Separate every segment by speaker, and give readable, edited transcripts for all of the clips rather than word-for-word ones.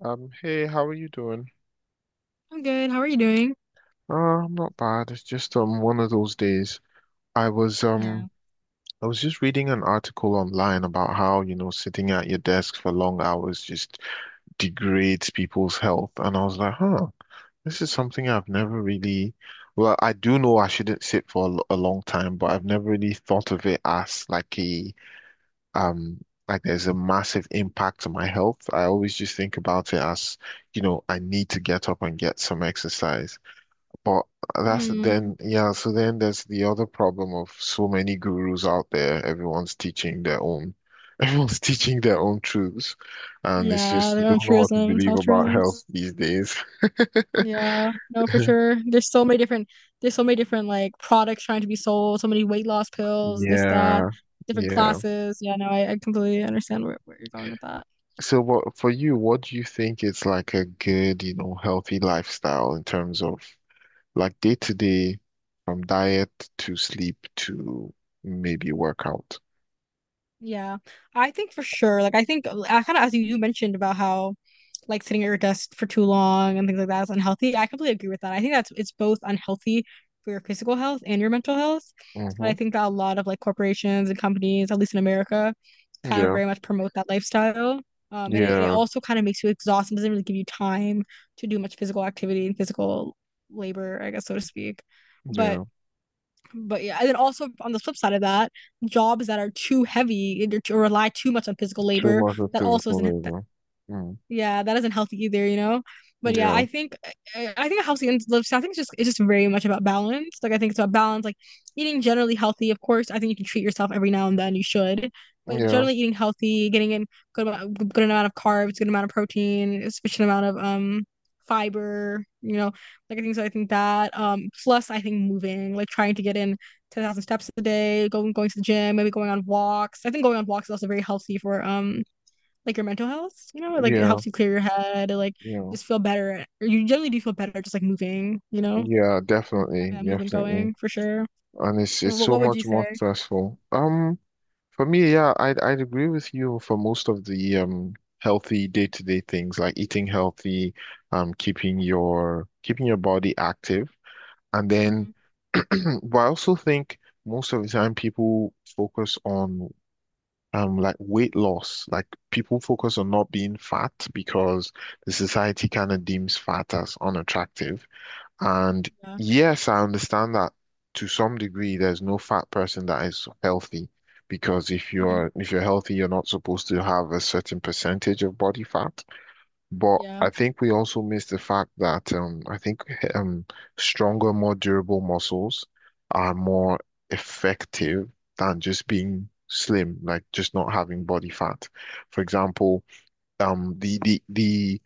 Speaker 1: Hey, how are you doing?
Speaker 2: I'm good. How are you doing?
Speaker 1: Uh, I'm not bad. It's just one of those days. I was
Speaker 2: Yeah.
Speaker 1: um I was just reading an article online about how, sitting at your desk for long hours just degrades people's health. And I was like, huh, this is something I've never really, well, I do know I shouldn't sit for a long time, but I've never really thought of it as like a um like there's a massive impact on my health. I always just think about it as, I need to get up and get some exercise. But that's
Speaker 2: Mm,
Speaker 1: then, yeah, so then there's the other problem of so many gurus out there. Everyone's teaching their own, everyone's teaching their own truths. And it's
Speaker 2: yeah,
Speaker 1: just, you
Speaker 2: their own
Speaker 1: don't know what to
Speaker 2: truisms,
Speaker 1: believe
Speaker 2: health
Speaker 1: about
Speaker 2: truisms.
Speaker 1: health these days.
Speaker 2: Yeah, no, for sure. There's so many different like products trying to be sold. So many weight loss pills, this, that,
Speaker 1: Yeah.
Speaker 2: different
Speaker 1: Yeah.
Speaker 2: classes. Yeah, no, I completely understand where you're going with that.
Speaker 1: So what for you, what do you think is like a good, healthy lifestyle in terms of like day to day, from diet to sleep to maybe workout.
Speaker 2: Yeah, I think for sure. Like I think I kind of as you mentioned about how like sitting at your desk for too long and things like that is unhealthy. I completely agree with that. I think that's it's both unhealthy for your physical health and your mental health. And
Speaker 1: Hmm.
Speaker 2: I think that a lot of like corporations and companies, at least in America, kind of
Speaker 1: Yeah,
Speaker 2: very much promote that lifestyle. And it
Speaker 1: yeah,
Speaker 2: also kind of makes you exhausted. It doesn't really give you time to do much physical activity and physical labor, I guess, so to speak. But
Speaker 1: yeah.
Speaker 2: but yeah, and then also on the flip side of that, jobs that are too heavy or rely too much on physical
Speaker 1: Too
Speaker 2: labor
Speaker 1: much of
Speaker 2: that also
Speaker 1: physical
Speaker 2: isn't
Speaker 1: labor. Mm.
Speaker 2: yeah, that isn't healthy either, you know? But yeah,
Speaker 1: Yeah,
Speaker 2: I think a healthy and lifestyle, I think it's just very much about balance. Like I think it's about balance, like eating generally healthy. Of course, I think you can treat yourself every now and then. You should, but
Speaker 1: yeah,
Speaker 2: generally eating healthy, getting in good amount of carbs, good amount of protein, sufficient amount of fiber. You know, like I think so. I think that plus I think moving, like trying to get in 10,000 steps a day, going to the gym, maybe going on walks. I think going on walks is also very healthy for like your mental health, you know, like it
Speaker 1: yeah,
Speaker 2: helps you clear your head, it, like
Speaker 1: yeah,
Speaker 2: just feel better. Or you generally do feel better just like moving, you know,
Speaker 1: yeah. Definitely,
Speaker 2: having that movement
Speaker 1: definitely.
Speaker 2: going for sure.
Speaker 1: And it's
Speaker 2: Well,
Speaker 1: it's so
Speaker 2: What would you
Speaker 1: much more
Speaker 2: say?
Speaker 1: stressful. For me, yeah, I'd agree with you for most of the healthy day-to-day things like eating healthy, keeping your body active, and then
Speaker 2: Hmm.
Speaker 1: but I also think most of the time people focus on like weight loss, like people focus on not being fat because the society kind of deems fat as unattractive. And
Speaker 2: Yeah.
Speaker 1: yes, I understand that to some degree. There's no fat person that is healthy because if
Speaker 2: Hmm.
Speaker 1: you're if you're healthy, you're not supposed to have a certain percentage of body fat. But
Speaker 2: Yeah.
Speaker 1: I think we also miss the fact that, I think, um, stronger, more durable muscles are more effective than just being slim, like just not having body fat. For example, um, the the the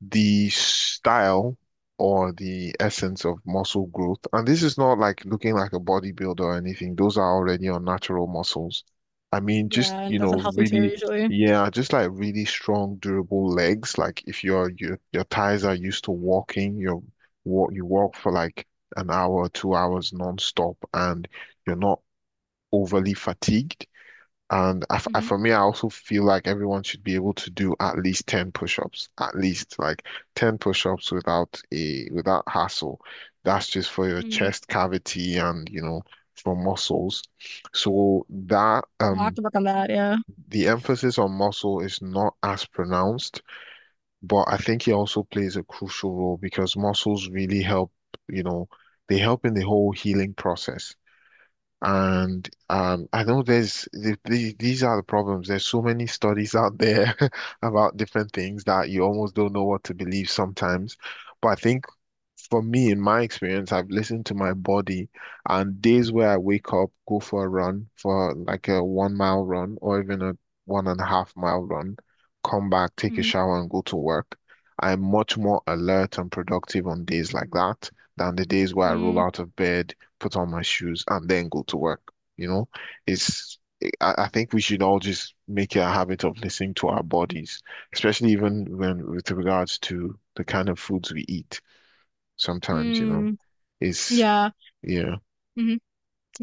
Speaker 1: the style or the essence of muscle growth. And this is not like looking like a bodybuilder or anything. Those are already unnatural muscles. I mean, just,
Speaker 2: Yeah. And that's unhealthy too,
Speaker 1: really,
Speaker 2: usually.
Speaker 1: yeah, just like really strong, durable legs. Like if your thighs are used to walking, you walk for like an hour, 2 hours non-stop, and you're not overly fatigued. And I f I
Speaker 2: Hmm.
Speaker 1: for me, I also feel like everyone should be able to do at least 10 push-ups, at least like 10 push-ups without hassle. That's just for your
Speaker 2: Mm.
Speaker 1: chest cavity and, for muscles. So that
Speaker 2: I'll have to work on that. Yeah.
Speaker 1: the emphasis on muscle is not as pronounced, but I think it also plays a crucial role because muscles really help, you know, they help in the whole healing process. And I know these are the problems. There's so many studies out there about different things that you almost don't know what to believe sometimes. But I think for me, in my experience, I've listened to my body, and days where I wake up, go for a run, for like a 1 mile run or even a 1.5 mile run, come back, take a
Speaker 2: Hmm.
Speaker 1: shower and go to work, I'm much more alert and productive on days like that than the days where I roll
Speaker 2: Mm.
Speaker 1: out of bed, put on my shoes, and then go to work. You know, it's, I think we should all just make it a habit of listening to our bodies, especially even when with regards to the kind of foods we eat sometimes.
Speaker 2: Mm.
Speaker 1: It's
Speaker 2: Yeah.
Speaker 1: yeah.
Speaker 2: Hmm.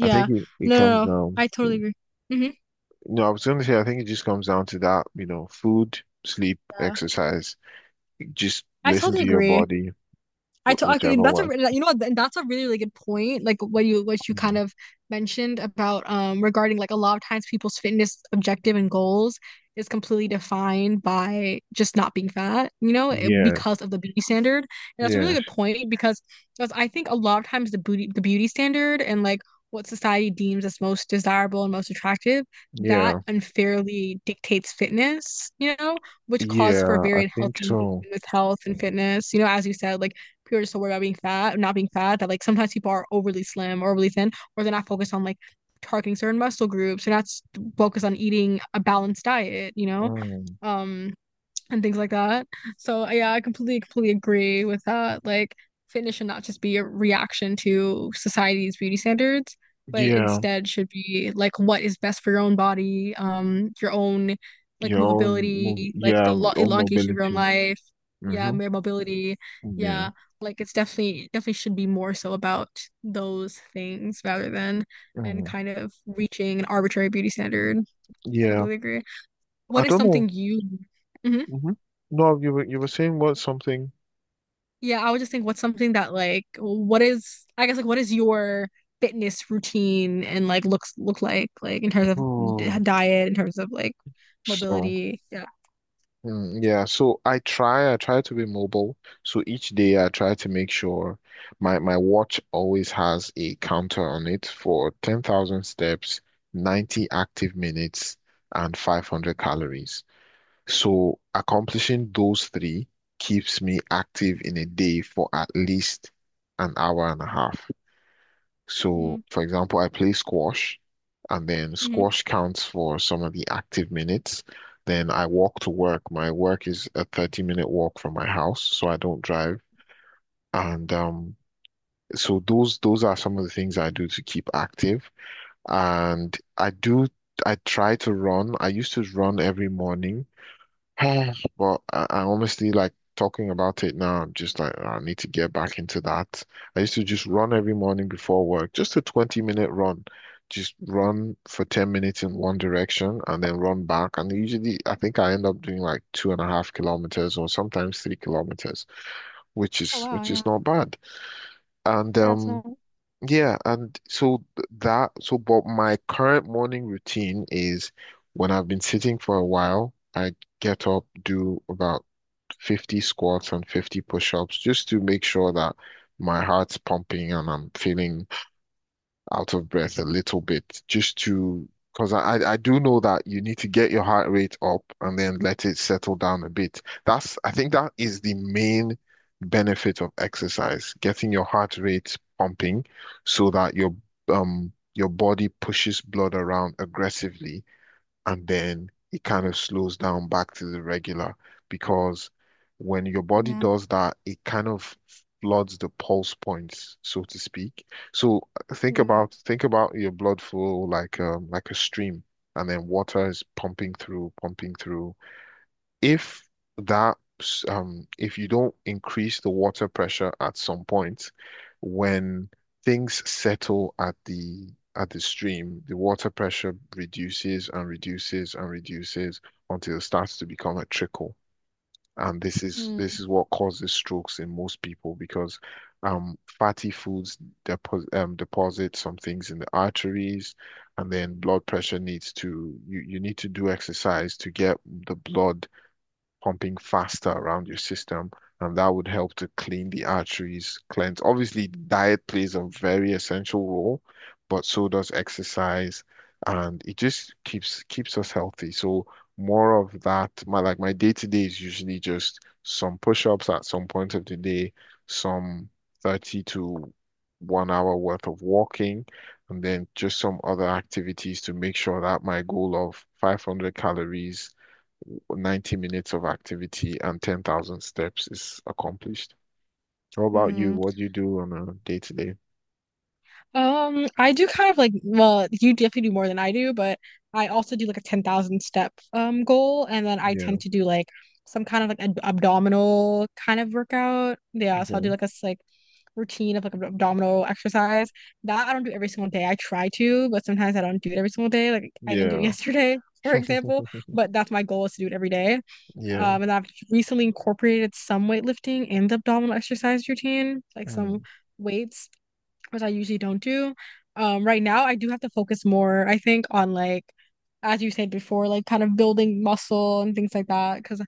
Speaker 1: I think it comes
Speaker 2: No.
Speaker 1: down.
Speaker 2: I
Speaker 1: Yeah.
Speaker 2: totally agree. Hmm.
Speaker 1: No, I was gonna say I think it just comes down to that, food, sleep,
Speaker 2: Yeah.
Speaker 1: exercise. Just
Speaker 2: I
Speaker 1: listen
Speaker 2: totally
Speaker 1: to your
Speaker 2: agree.
Speaker 1: body,
Speaker 2: I
Speaker 1: wh-
Speaker 2: to- I could,
Speaker 1: whichever
Speaker 2: that's a
Speaker 1: works.
Speaker 2: re- you know what and that's a really really good point like what you kind
Speaker 1: Mm.
Speaker 2: of mentioned about regarding like a lot of times people's fitness objective and goals is completely defined by just not being fat, you know,
Speaker 1: Yeah,
Speaker 2: because of the beauty standard, and that's a really
Speaker 1: yeah,
Speaker 2: good point because that's, I think a lot of times the beauty standard and like what society deems as most desirable and most attractive, that
Speaker 1: yeah,
Speaker 2: unfairly dictates fitness, you know, which calls for
Speaker 1: yeah. I
Speaker 2: very
Speaker 1: think
Speaker 2: unhealthy
Speaker 1: so.
Speaker 2: engagement with health and fitness, you know, as you said, like people are just so worried about not being fat, that like sometimes people are overly slim or overly thin, or they're not focused on like targeting certain muscle groups. They're not focused on eating a balanced diet, you know?
Speaker 1: Mm.
Speaker 2: Um, and things like that. So yeah, I completely completely agree with that. Like fitness should not just be a reaction to society's beauty standards, but
Speaker 1: Yeah,
Speaker 2: instead should be like what is best for your own body, your own like
Speaker 1: your own move.
Speaker 2: movability, like
Speaker 1: Yeah,
Speaker 2: the lo
Speaker 1: own
Speaker 2: elongation of your own
Speaker 1: mobility.
Speaker 2: life. Yeah,
Speaker 1: Mm-hmm.
Speaker 2: mere mobility.
Speaker 1: Yeah.
Speaker 2: Yeah, like it's definitely definitely should be more so about those things rather than and
Speaker 1: Mm.
Speaker 2: kind of reaching an arbitrary beauty standard. I
Speaker 1: Yeah.
Speaker 2: completely agree.
Speaker 1: I
Speaker 2: What is
Speaker 1: don't know.
Speaker 2: something you — Mhm.
Speaker 1: Mm-hmm. No, you were saying what something.
Speaker 2: Yeah, I would just think what's something that like what is your fitness routine and like look like in terms of
Speaker 1: Oh,
Speaker 2: diet, in terms of like
Speaker 1: so.
Speaker 2: mobility. Yeah.
Speaker 1: Yeah, so I try, to be mobile. So each day I try to make sure my watch always has a counter on it for 10,000 steps, 90 active minutes, and 500 calories. So accomplishing those three keeps me active in a day for at least an hour and a half.
Speaker 2: Mm-hmm.
Speaker 1: So, for example, I play squash, and then squash counts for some of the active minutes. Then I walk to work. My work is a 30-minute walk from my house, so I don't drive. And so those are some of the things I do to keep active. And I try to run. I used to run every morning. Oh, but I honestly, like, talking about it now, I'm just like, "Oh, I need to get back into that." I used to just run every morning before work, just a 20-minute run. Just run for 10 minutes in one direction and then run back. And usually, I think I end up doing like 2.5 kilometers or sometimes 3 kilometers, which
Speaker 2: Oh
Speaker 1: is
Speaker 2: wow,
Speaker 1: which
Speaker 2: yeah.
Speaker 1: is not bad. And
Speaker 2: Yeah, so
Speaker 1: yeah, and so, but my current morning routine is when I've been sitting for a while, I get up, do about 50 squats and 50 push-ups just to make sure that my heart's pumping and I'm feeling out of breath a little bit, just to because I do know that you need to get your heart rate up and then let it settle down a bit. That's, I think, that is the main benefit of exercise, getting your heart rate pumping so that your body pushes blood around aggressively and then it kind of slows down back to the regular, because when your body
Speaker 2: yeah.
Speaker 1: does that, it kind of floods the pulse points, so to speak. So, think
Speaker 2: Hmm.
Speaker 1: about think about your blood flow like a stream, and then water is pumping through, pumping through. If that um if you don't increase the water pressure at some point, when things settle at the stream, the water pressure reduces and reduces and reduces until it starts to become a trickle, and this is
Speaker 2: Hmm.
Speaker 1: this is what causes strokes in most people because fatty foods deposit, deposit some things in the arteries, and then blood pressure needs to you need to do exercise to get the blood pumping faster around your system, and that would help to clean the arteries, cleanse. Obviously, diet plays a very essential role, but so does exercise, and it just keeps us healthy. So more of that. My, day to day is usually just some push-ups at some point of the day, some 30 to 1 hour worth of walking, and then just some other activities to make sure that my goal of 500 calories, 90 minutes of activity, and 10,000 steps is accomplished. How about you?
Speaker 2: Hmm.
Speaker 1: What do you do on a day to day?
Speaker 2: I do kind of like, well, you definitely do more than I do, but I also do like a 10,000 step goal and then I
Speaker 1: Yeah.
Speaker 2: tend to do like some kind of like ab abdominal kind of workout. Yeah, so I'll do
Speaker 1: Okay.
Speaker 2: like like routine of like abdominal exercise. That I don't do every single day. I try to, but sometimes I don't do it every single day. Like I didn't do it
Speaker 1: Yeah.
Speaker 2: yesterday, for example, but that's my goal is to do it every day.
Speaker 1: Yeah.
Speaker 2: And I've recently incorporated some weightlifting in the abdominal exercise routine, like some
Speaker 1: Mm.
Speaker 2: weights which I usually don't do. Right now I do have to focus more, I think, on like as you said before, like kind of building muscle and things like that because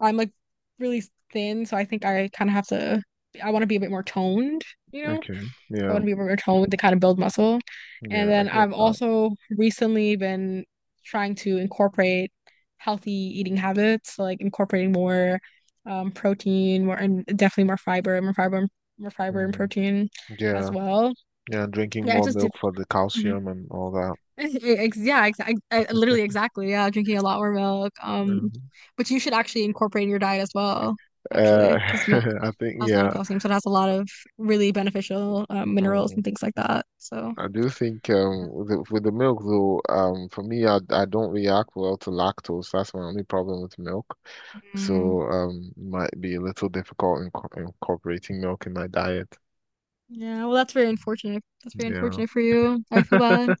Speaker 2: I'm like really thin, so I think I kind of have to — I want to be a bit more toned, you know?
Speaker 1: Okay.
Speaker 2: I
Speaker 1: Yeah.
Speaker 2: want to be a bit more toned to kind of build muscle. And
Speaker 1: Yeah. I
Speaker 2: then
Speaker 1: get
Speaker 2: I've
Speaker 1: that.
Speaker 2: also recently been trying to incorporate healthy eating habits, so, like incorporating more protein, more and definitely more fiber, more fiber and
Speaker 1: Mm.
Speaker 2: protein as
Speaker 1: Yeah.
Speaker 2: well.
Speaker 1: Yeah. And drinking
Speaker 2: Yeah, it
Speaker 1: more
Speaker 2: just did.
Speaker 1: milk for the
Speaker 2: Hmm.
Speaker 1: calcium and all that.
Speaker 2: Ex yeah, exactly. Literally, exactly. Yeah, drinking a lot more milk.
Speaker 1: Mhm.
Speaker 2: But you should actually incorporate in your diet as well, actually,
Speaker 1: Uh,
Speaker 2: because milk
Speaker 1: I think,
Speaker 2: has a lot of
Speaker 1: yeah.
Speaker 2: calcium, so it has a lot of really beneficial minerals
Speaker 1: Mm.
Speaker 2: and things like that. So,
Speaker 1: I do think, with the milk though, for me, I don't react well to lactose. That's my only problem with milk.
Speaker 2: Mm.
Speaker 1: So might be a little difficult incorporating milk in my diet.
Speaker 2: yeah. Well, that's very unfortunate. That's very
Speaker 1: Yeah.
Speaker 2: unfortunate for you. I feel bad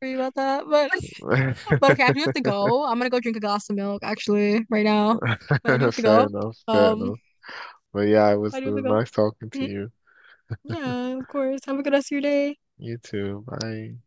Speaker 2: for you about that. But, but okay, I do have to go. I'm gonna go drink a glass of milk actually right now. But I
Speaker 1: Fair
Speaker 2: do have to go.
Speaker 1: enough, fair
Speaker 2: Um,
Speaker 1: enough. But yeah, it
Speaker 2: I
Speaker 1: was
Speaker 2: do
Speaker 1: it
Speaker 2: have to
Speaker 1: was
Speaker 2: go.
Speaker 1: nice talking to
Speaker 2: Mhm.
Speaker 1: you.
Speaker 2: Yeah, of course. Have a good rest of your day.
Speaker 1: You too. Bye.